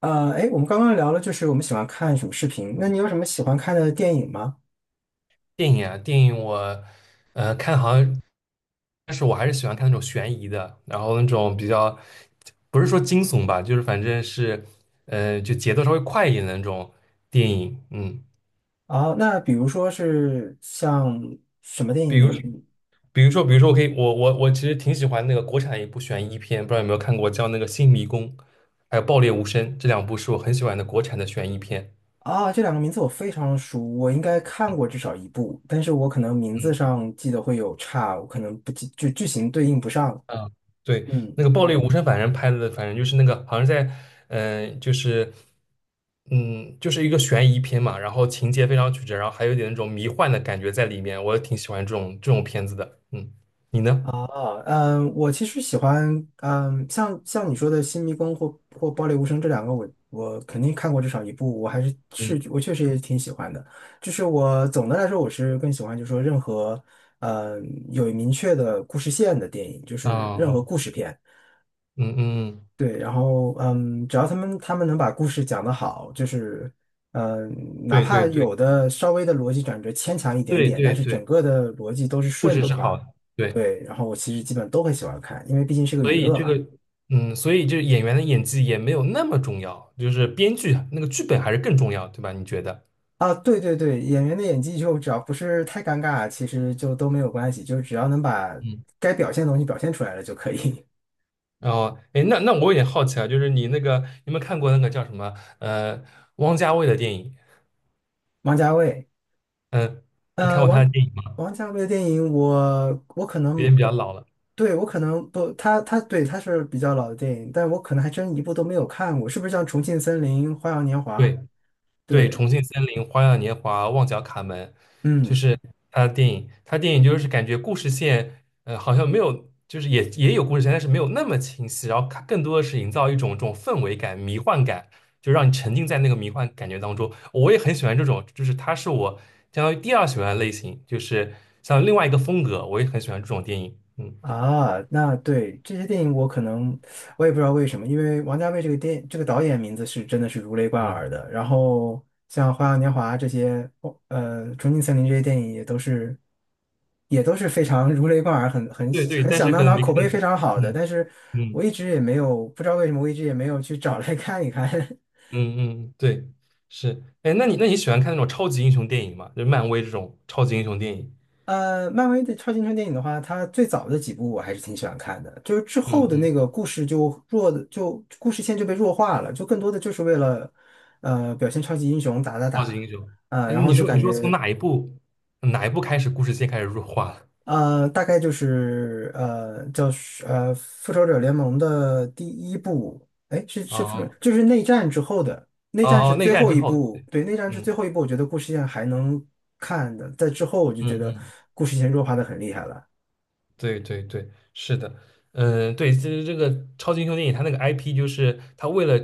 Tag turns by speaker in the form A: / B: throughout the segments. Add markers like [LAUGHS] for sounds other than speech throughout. A: 哎，我们刚刚聊了，就是我们喜欢看什么视频？那你有什么喜欢看的电影吗？
B: 电影啊，电影我看好像，但是我还是喜欢看那种悬疑的，然后那种比较不是说惊悚吧，就是反正是就节奏稍微快一点的那种电影，嗯，
A: 啊，那比如说是像什么电
B: 比
A: 影你？
B: 如
A: 你
B: 比如说我可以我我我其实挺喜欢那个国产一部悬疑片，不知道有没有看过，叫那个《新迷宫》还有《爆裂无声》这两部是我很喜欢的国产的悬疑片。
A: 啊，这两个名字我非常熟，我应该看过至少一部，但是我可能名字上记得会有差，我可能不记，就剧情对应不上。
B: 嗯，对，
A: 嗯。
B: 那个《暴力无声》，反正拍的，反正就是那个，好像在，嗯、就是，就是一个悬疑片嘛，然后情节非常曲折，然后还有点那种迷幻的感觉在里面，我挺喜欢这种片子的。嗯，你呢？
A: 啊，我其实喜欢，像你说的《新迷宫》或《爆裂无声》这两个我肯定看过至少一部，我还是
B: 嗯，
A: 我确实也挺喜欢的。就是我总的来说，我是更喜欢，就是说任何嗯有明确的故事线的电影，就
B: 啊、
A: 是任何
B: 啊，
A: 故事片。
B: 嗯嗯，
A: 对，然后只要他们能把故事讲得好，就是嗯，哪
B: 对对
A: 怕有
B: 对
A: 的稍微的逻辑转折牵强一点
B: 对
A: 点，但
B: 对
A: 是整
B: 对，
A: 个的逻辑都是
B: 故
A: 顺
B: 事
A: 的的
B: 是好
A: 话。
B: 的，对，
A: 对，然后我其实基本都很喜欢看，因为毕竟是个
B: 所
A: 娱
B: 以
A: 乐
B: 这
A: 嘛。
B: 个，所以这演员的演技也没有那么重要，就是编剧那个剧本还是更重要，对吧？你觉得？
A: 啊，对对对，演员的演技就只要不是太尴尬，其实就都没有关系，就只要能把
B: 嗯。
A: 该表现的东西表现出来了就可以。
B: 哦，哎，那我有点好奇啊，就是你那个，你有没有看过那个叫什么，呃，汪家卫的电影？
A: [LAUGHS] 王家卫，
B: 嗯，你看
A: 呃，
B: 过他
A: 王
B: 的电影吗？
A: 王家卫的电影我可
B: 有
A: 能，
B: 点比较老了。
A: 对，我可能不，他对他是比较老的电影，但我可能还真一部都没有看过，是不是像《重庆森林》《花样年华》？
B: 对对，
A: 对，
B: 《重庆森林》《花样年华》《旺角卡门》就
A: 嗯。
B: 是他的电影，他就是感觉故事线，好像没有，就是也有故事线，但是没有那么清晰，然后它更多的是营造一种这种氛围感、迷幻感，就让你沉浸在那个迷幻感觉当中。我也很喜欢这种，就是它是我相当于第二喜欢的类型，就是像另外一个风格，我也很喜欢这种电影。嗯
A: 啊，那对这些电影，我可能我也不知道为什么，因为王家卫这个电这个导演名字是真的是如雷贯
B: 嗯，
A: 耳的。然后像《花样年华》这些，《重庆森林》这些电影也都是非常 [LAUGHS] 如雷贯耳，很很
B: 对对，
A: 很
B: 但
A: 响
B: 是
A: 当
B: 可能
A: 当，
B: 没
A: 口
B: 看
A: 碑
B: 过。
A: 非常好的。
B: 嗯
A: 但是
B: 嗯
A: 我一直也没有不知道为什么，我一直也没有去找来看一看。[LAUGHS]
B: 嗯嗯，对，是。哎，那你喜欢看那种超级英雄电影吗？就是漫威这种超级英雄电影？
A: 漫威的超级英雄电影的话，它最早的几部我还是挺喜欢看的，就是之
B: 嗯
A: 后的
B: 嗯
A: 那个故事就弱的，就故事线就被弱化了，就更多的就是为了表现超级英雄打打
B: 超级英
A: 打，
B: 雄。哎，
A: 然后
B: 你
A: 就
B: 说你
A: 感
B: 说从
A: 觉
B: 哪一部开始故事线开始弱化了？
A: 大概就是呃叫是呃复仇者联盟的第一部，哎是复仇
B: 哦
A: 就是内战之后的内战
B: 哦
A: 是
B: 哦，内
A: 最
B: 战
A: 后
B: 之
A: 一
B: 后，
A: 部，对，内战是
B: 嗯
A: 最后一部，我觉得故事线还能看的，在之后我就觉
B: 嗯
A: 得
B: 嗯。
A: 故事线弱化的很厉害了。
B: 对对对，是的，嗯，对，其实这个超级英雄电影，它那个 IP 就是它为了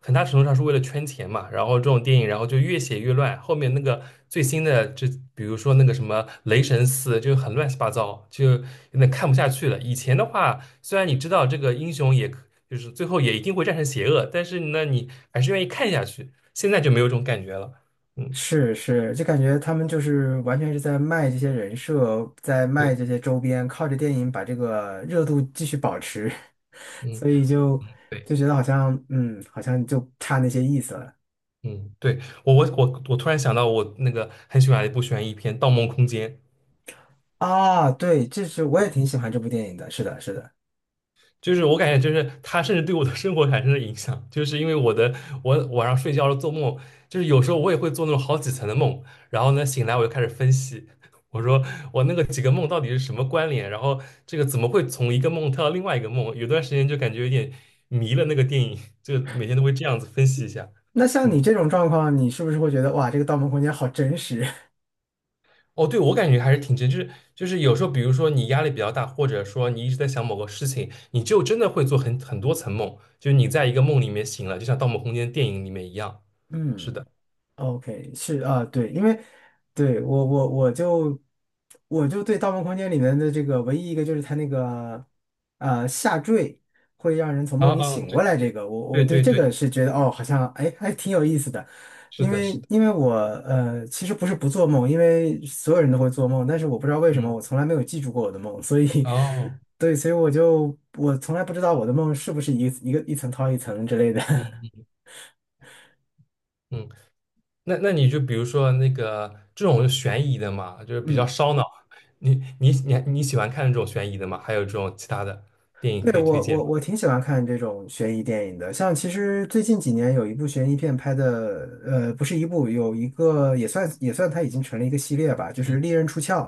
B: 很大程度上是为了圈钱嘛，然后这种电影，然后就越写越乱，后面那个最新的，这比如说那个什么雷神4，就很乱七八糟，就有点看不下去了。以前的话，虽然你知道这个英雄就是最后也一定会战胜邪恶，但是呢，你还是愿意看下去。现在就没有这种感觉了，嗯，
A: 是是，就感觉他们就是完全是在卖这些人设，在
B: 对，
A: 卖这些周边，靠着电影把这个热度继续保持，[LAUGHS]
B: 嗯。
A: 所以就
B: 对。
A: 觉得好像好像就差那些意思了
B: 嗯，对，我突然想到，我那个很喜欢的一部悬疑片《盗梦空间》，
A: 啊。对，这是我也挺喜欢这部电影的，是的，是的。
B: 就是我感觉就是它甚至对我的生活产生了影响，就是因为我的我晚上睡觉了做梦，就是有时候我也会做那种好几层的梦，然后呢醒来我就开始分析，我说我那个几个梦到底是什么关联，然后这个怎么会从一个梦跳到另外一个梦，有段时间就感觉有点迷了那个电影，就每天都会这样子分析一下，
A: 那像你
B: 嗯。
A: 这种状况，你是不是会觉得哇，这个《盗梦空间》好真实？
B: 哦，对，我感觉还是挺真，就是有时候，比如说你压力比较大，或者说你一直在想某个事情，你就真的会做很多层梦，就是你在一个梦里面醒了，就像《盗梦空间》电影里面一样。
A: [LAUGHS]
B: 是的，
A: 嗯。 OK，是啊，对，因为对我就对《盗梦空间》里面的这个唯一一个就是它那个下坠会让人从
B: 啊
A: 梦里
B: 啊，
A: 醒过
B: 对
A: 来，这个我
B: 对
A: 对
B: 对
A: 这个
B: 对，
A: 是觉得哦，好像哎还挺有意思的，
B: 是
A: 因
B: 的，是
A: 为
B: 的，
A: 因为我其实不是不做梦，因为所有人都会做梦，但是我不知道为什么
B: 嗯，
A: 我从来没有记住过我的梦，所以 [LAUGHS]
B: 哦，
A: 对，所以我从来不知道我的梦是不是一个一层套一层之类的，
B: 嗯嗯，那你就比如说那个这种悬疑的嘛，就是
A: [LAUGHS]
B: 比较
A: 嗯。
B: 烧脑，你喜欢看这种悬疑的吗？还有这种其他的电影可
A: 对，
B: 以推
A: 我
B: 荐
A: 我
B: 吗？
A: 我挺喜欢看这种悬疑电影的，像其实最近几年有一部悬疑片拍的，不是一部，有一个也算它已经成了一个系列吧，就是
B: 嗯，
A: 《利刃出鞘》。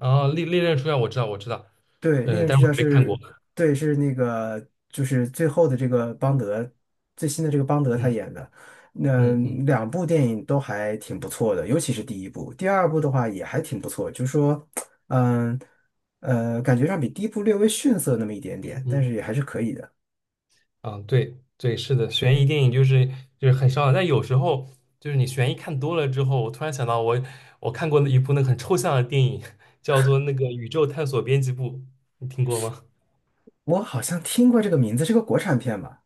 B: 哦，《利刃出鞘》我知道我知道，
A: 对，《利
B: 嗯，
A: 刃
B: 但
A: 出
B: 是
A: 鞘》
B: 我没看过，
A: 是，对，是那个就是最后的这个邦德，最新的这个邦德他
B: 嗯
A: 演的，那
B: 嗯嗯。
A: 两部电影都还挺不错的，尤其是第一部，第二部的话也还挺不错，就是说，嗯感觉上比第一部略微逊色那么一点
B: 嗯
A: 点，但是
B: 嗯，
A: 也还是可以的。
B: 嗯，对对，是的，悬疑电影就是很烧脑，但有时候就是你悬疑看多了之后，我突然想到我看过的一部那个很抽象的电影，叫做那个《宇宙探索编辑部》，你听过吗？
A: 我好像听过这个名字，是个国产片吧？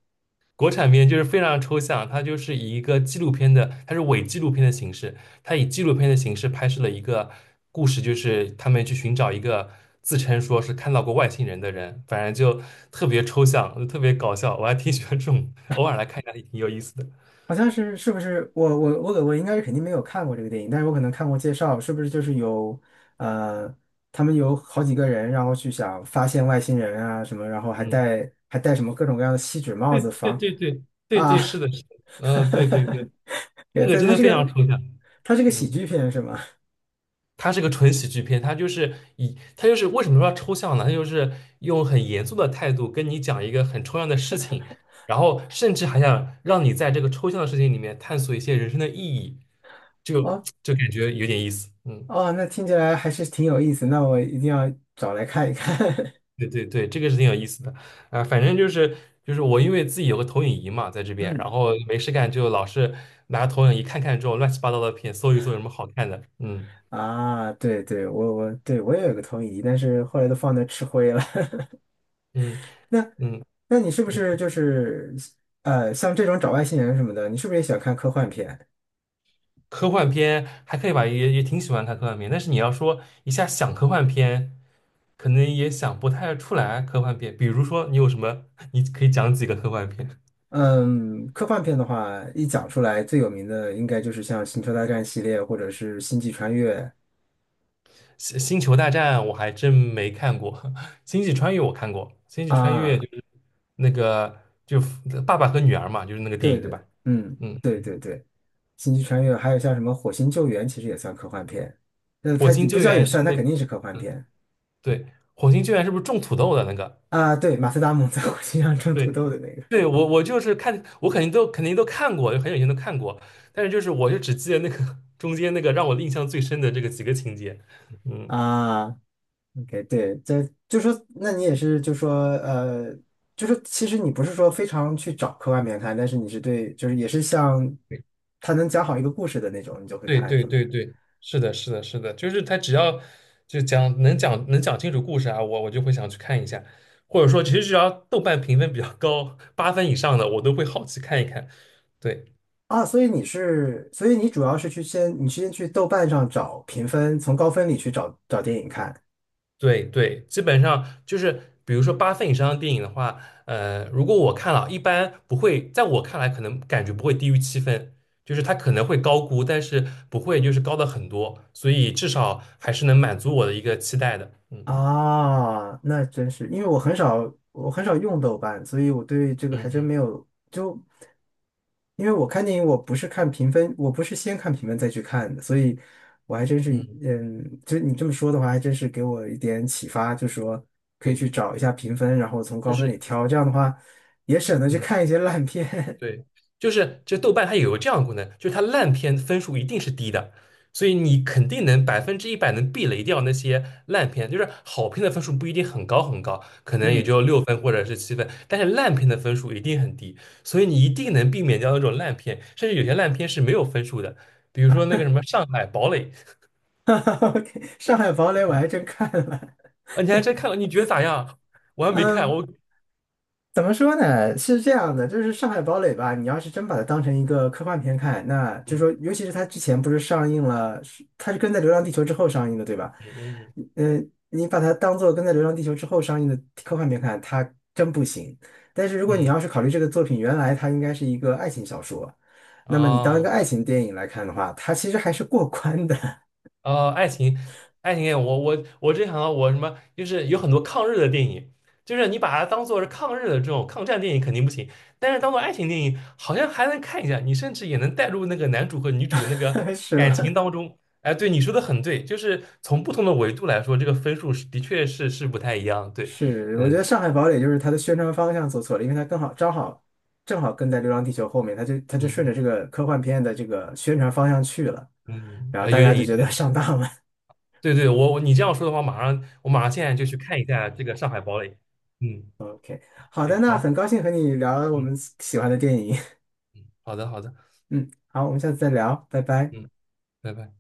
B: 国产片就是非常抽象，它就是以一个纪录片的，它是伪纪录片的形式，它以纪录片的形式拍摄了一个故事，就是他们去寻找一个自称说是看到过外星人的人，反正就特别抽象，就特别搞笑，我还挺喜欢这种，偶尔来看一下也挺有意思的。
A: 好像是，是不是？我应该是肯定没有看过这个电影，但是我可能看过介绍，是不是就是有呃，他们有好几个人，然后去想发现外星人啊什么，然后还
B: 嗯，
A: 戴还戴什么各种各样的锡纸帽
B: 对
A: 子
B: 对
A: 防
B: 对对对
A: 啊，
B: 对，是的，是的，嗯，对对对，
A: [LAUGHS] 对，
B: 那个
A: 它
B: 真
A: 它
B: 的
A: 是
B: 非常
A: 个
B: 抽象，
A: 它是个喜
B: 嗯，
A: 剧片是吗？
B: 它是个纯喜剧片，它就是为什么说抽象呢？它就是用很严肃的态度跟你讲一个很抽象的事情，然后甚至还想让你在这个抽象的事情里面探索一些人生的意义，就
A: 哦
B: 就感觉有点意思，嗯。
A: 哦，那听起来还是挺有意思，那我一定要找来看一看。
B: 对对对，这个是挺有意思的，啊、反正就是我因为自己有个投影仪嘛，在这
A: [LAUGHS]
B: 边，然
A: 嗯。
B: 后没事干就老是拿投影仪看看这种乱七八糟的片，搜一搜有什么好看的，嗯
A: 啊，对对，我也有个投影仪，但是后来都放那吃灰了。
B: 嗯
A: [LAUGHS] 那
B: 嗯，
A: 那你是不是就是像这种找外星人什么的，你是不是也喜欢看科幻片？
B: 科幻片还可以吧，也挺喜欢看科幻片，但是你要说一下想科幻片，可能也想不太出来科幻片，比如说你有什么，[LAUGHS] 你可以讲几个科幻片？
A: 嗯，科幻片的话，一讲出来最有名的应该就是像《星球大战》系列或者是《星际穿越》。
B: 星球大战我还真没看过，[LAUGHS] 星际穿越我看过，星际穿越
A: 啊，
B: 就是那个就爸爸和女儿嘛，就是那个电
A: 对
B: 影对
A: 对，
B: 吧？
A: 嗯，
B: 嗯，
A: 对对对，《星际穿越》还有像什么《火星救援》，其实也算科幻片。
B: 火
A: 它
B: 星
A: 不
B: 救
A: 叫
B: 援
A: 也
B: 是
A: 算，它
B: 那
A: 肯定是科幻片
B: 对，火星救援是不是种土豆的那个？
A: 啊。对，马斯达蒙在火星上种土
B: 对，
A: 豆的那个。
B: 对我就是看我肯定都看过，就很久以前都看过，但是就是我就只记得那个 [LAUGHS] 中间那个让我印象最深的这个几个情节，嗯。
A: 啊，OK，对，这就说，那你也是就说，呃，就是其实你不是说非常去找科幻片看，但是对，就是也是像他能讲好一个故事的那种，你就会
B: 对
A: 看，
B: 对
A: 是吗？
B: 对对，是的，是的，是的，就是他只要就讲能讲能讲清楚故事啊，我就会想去看一下，或者说其实只要豆瓣评分比较高，八分以上的我都会好奇看一看。对
A: 啊，所以你主要是你先去豆瓣上找评分，从高分里去找找电影看。
B: 对对，基本上就是比如说八分以上的电影的话，如果我看了，一般不会，在我看来可能感觉不会低于七分，就是它可能会高估，但是不会就是高的很多，所以至少还是能满足我的一个期待的。嗯
A: 啊，那真是，因为我很少用豆瓣，所以我对这个还真
B: 嗯
A: 没有。就因为我看电影，我不是看评分，我不是先看评分再去看的，所以我还真是，
B: 嗯，
A: 就你这么说的话，还真是给我一点启发，就说可以
B: 对。
A: 去找一下评分，然后从
B: 就
A: 高分里
B: 是
A: 挑，这样的话也省得去
B: 嗯，
A: 看一些烂片。
B: 对，就是这豆瓣它有个这样的功能，就是它烂片分数一定是低的，所以你肯定能100%能避雷掉那些烂片。就是好片的分数不一定很高很高，可
A: [LAUGHS]
B: 能也
A: 嗯
B: 就6分或者是7分，但是烂片的分数一定很低，所以你一定能避免掉那种烂片。甚至有些烂片是没有分数的，比如说那个什么《上海堡垒》，
A: [LAUGHS]，OK，《上海堡垒》我还真看了，
B: 啊，你还真看了？你觉得咋样？我还
A: [LAUGHS]
B: 没看，
A: 嗯。怎么说呢？是这样的，就是《上海堡垒》吧，你要是真把它当成一个科幻片看，那就
B: 嗯
A: 说，尤其是它之前不是上映了，是它是跟在《流浪地球》之后上映的，对吧？
B: 嗯
A: 嗯，你把它当做跟在《流浪地球》之后上映的科幻片看，它真不行。但是如果你
B: 嗯嗯，
A: 要是考虑这个作品原来它应该是一个爱情小说，那么你当一个
B: 哦。
A: 爱情电影来看的话，它其实还是过关的，
B: 呃，爱情，爱情电影，我之前想到我什么，就是有很多抗日的电影，就是你把它当做是抗日的这种抗战电影肯定不行，但是当做爱情电影好像还能看一下，你甚至也能带入那个男主和女主的那个
A: [LAUGHS] 是
B: 感情
A: 吧？
B: 当中。哎，对，你说的很对，就是从不同的维度来说，这个分数是的确是不太一样。对，
A: 是，我
B: 嗯
A: 觉得《上海堡垒》就是它的宣传方向做错了，因为它刚好正好跟在《流浪地球》后面，它就顺着
B: 嗯
A: 这个科幻片的这个宣传方向去了，
B: 嗯，
A: 然后大
B: 有
A: 家
B: 点
A: 就
B: 意思。
A: 觉得 [LAUGHS] 上当了。
B: 对对，我你这样说的话，马上现在就去看一下这个《上海堡垒》。嗯，
A: [LAUGHS] OK，好的，
B: 对，
A: 那很
B: 好，
A: 高兴和你聊我
B: 嗯
A: 们喜欢的电影，
B: 嗯，好的好的。
A: [LAUGHS] 嗯，好，我们下次再聊，拜拜。
B: 嗯。拜拜。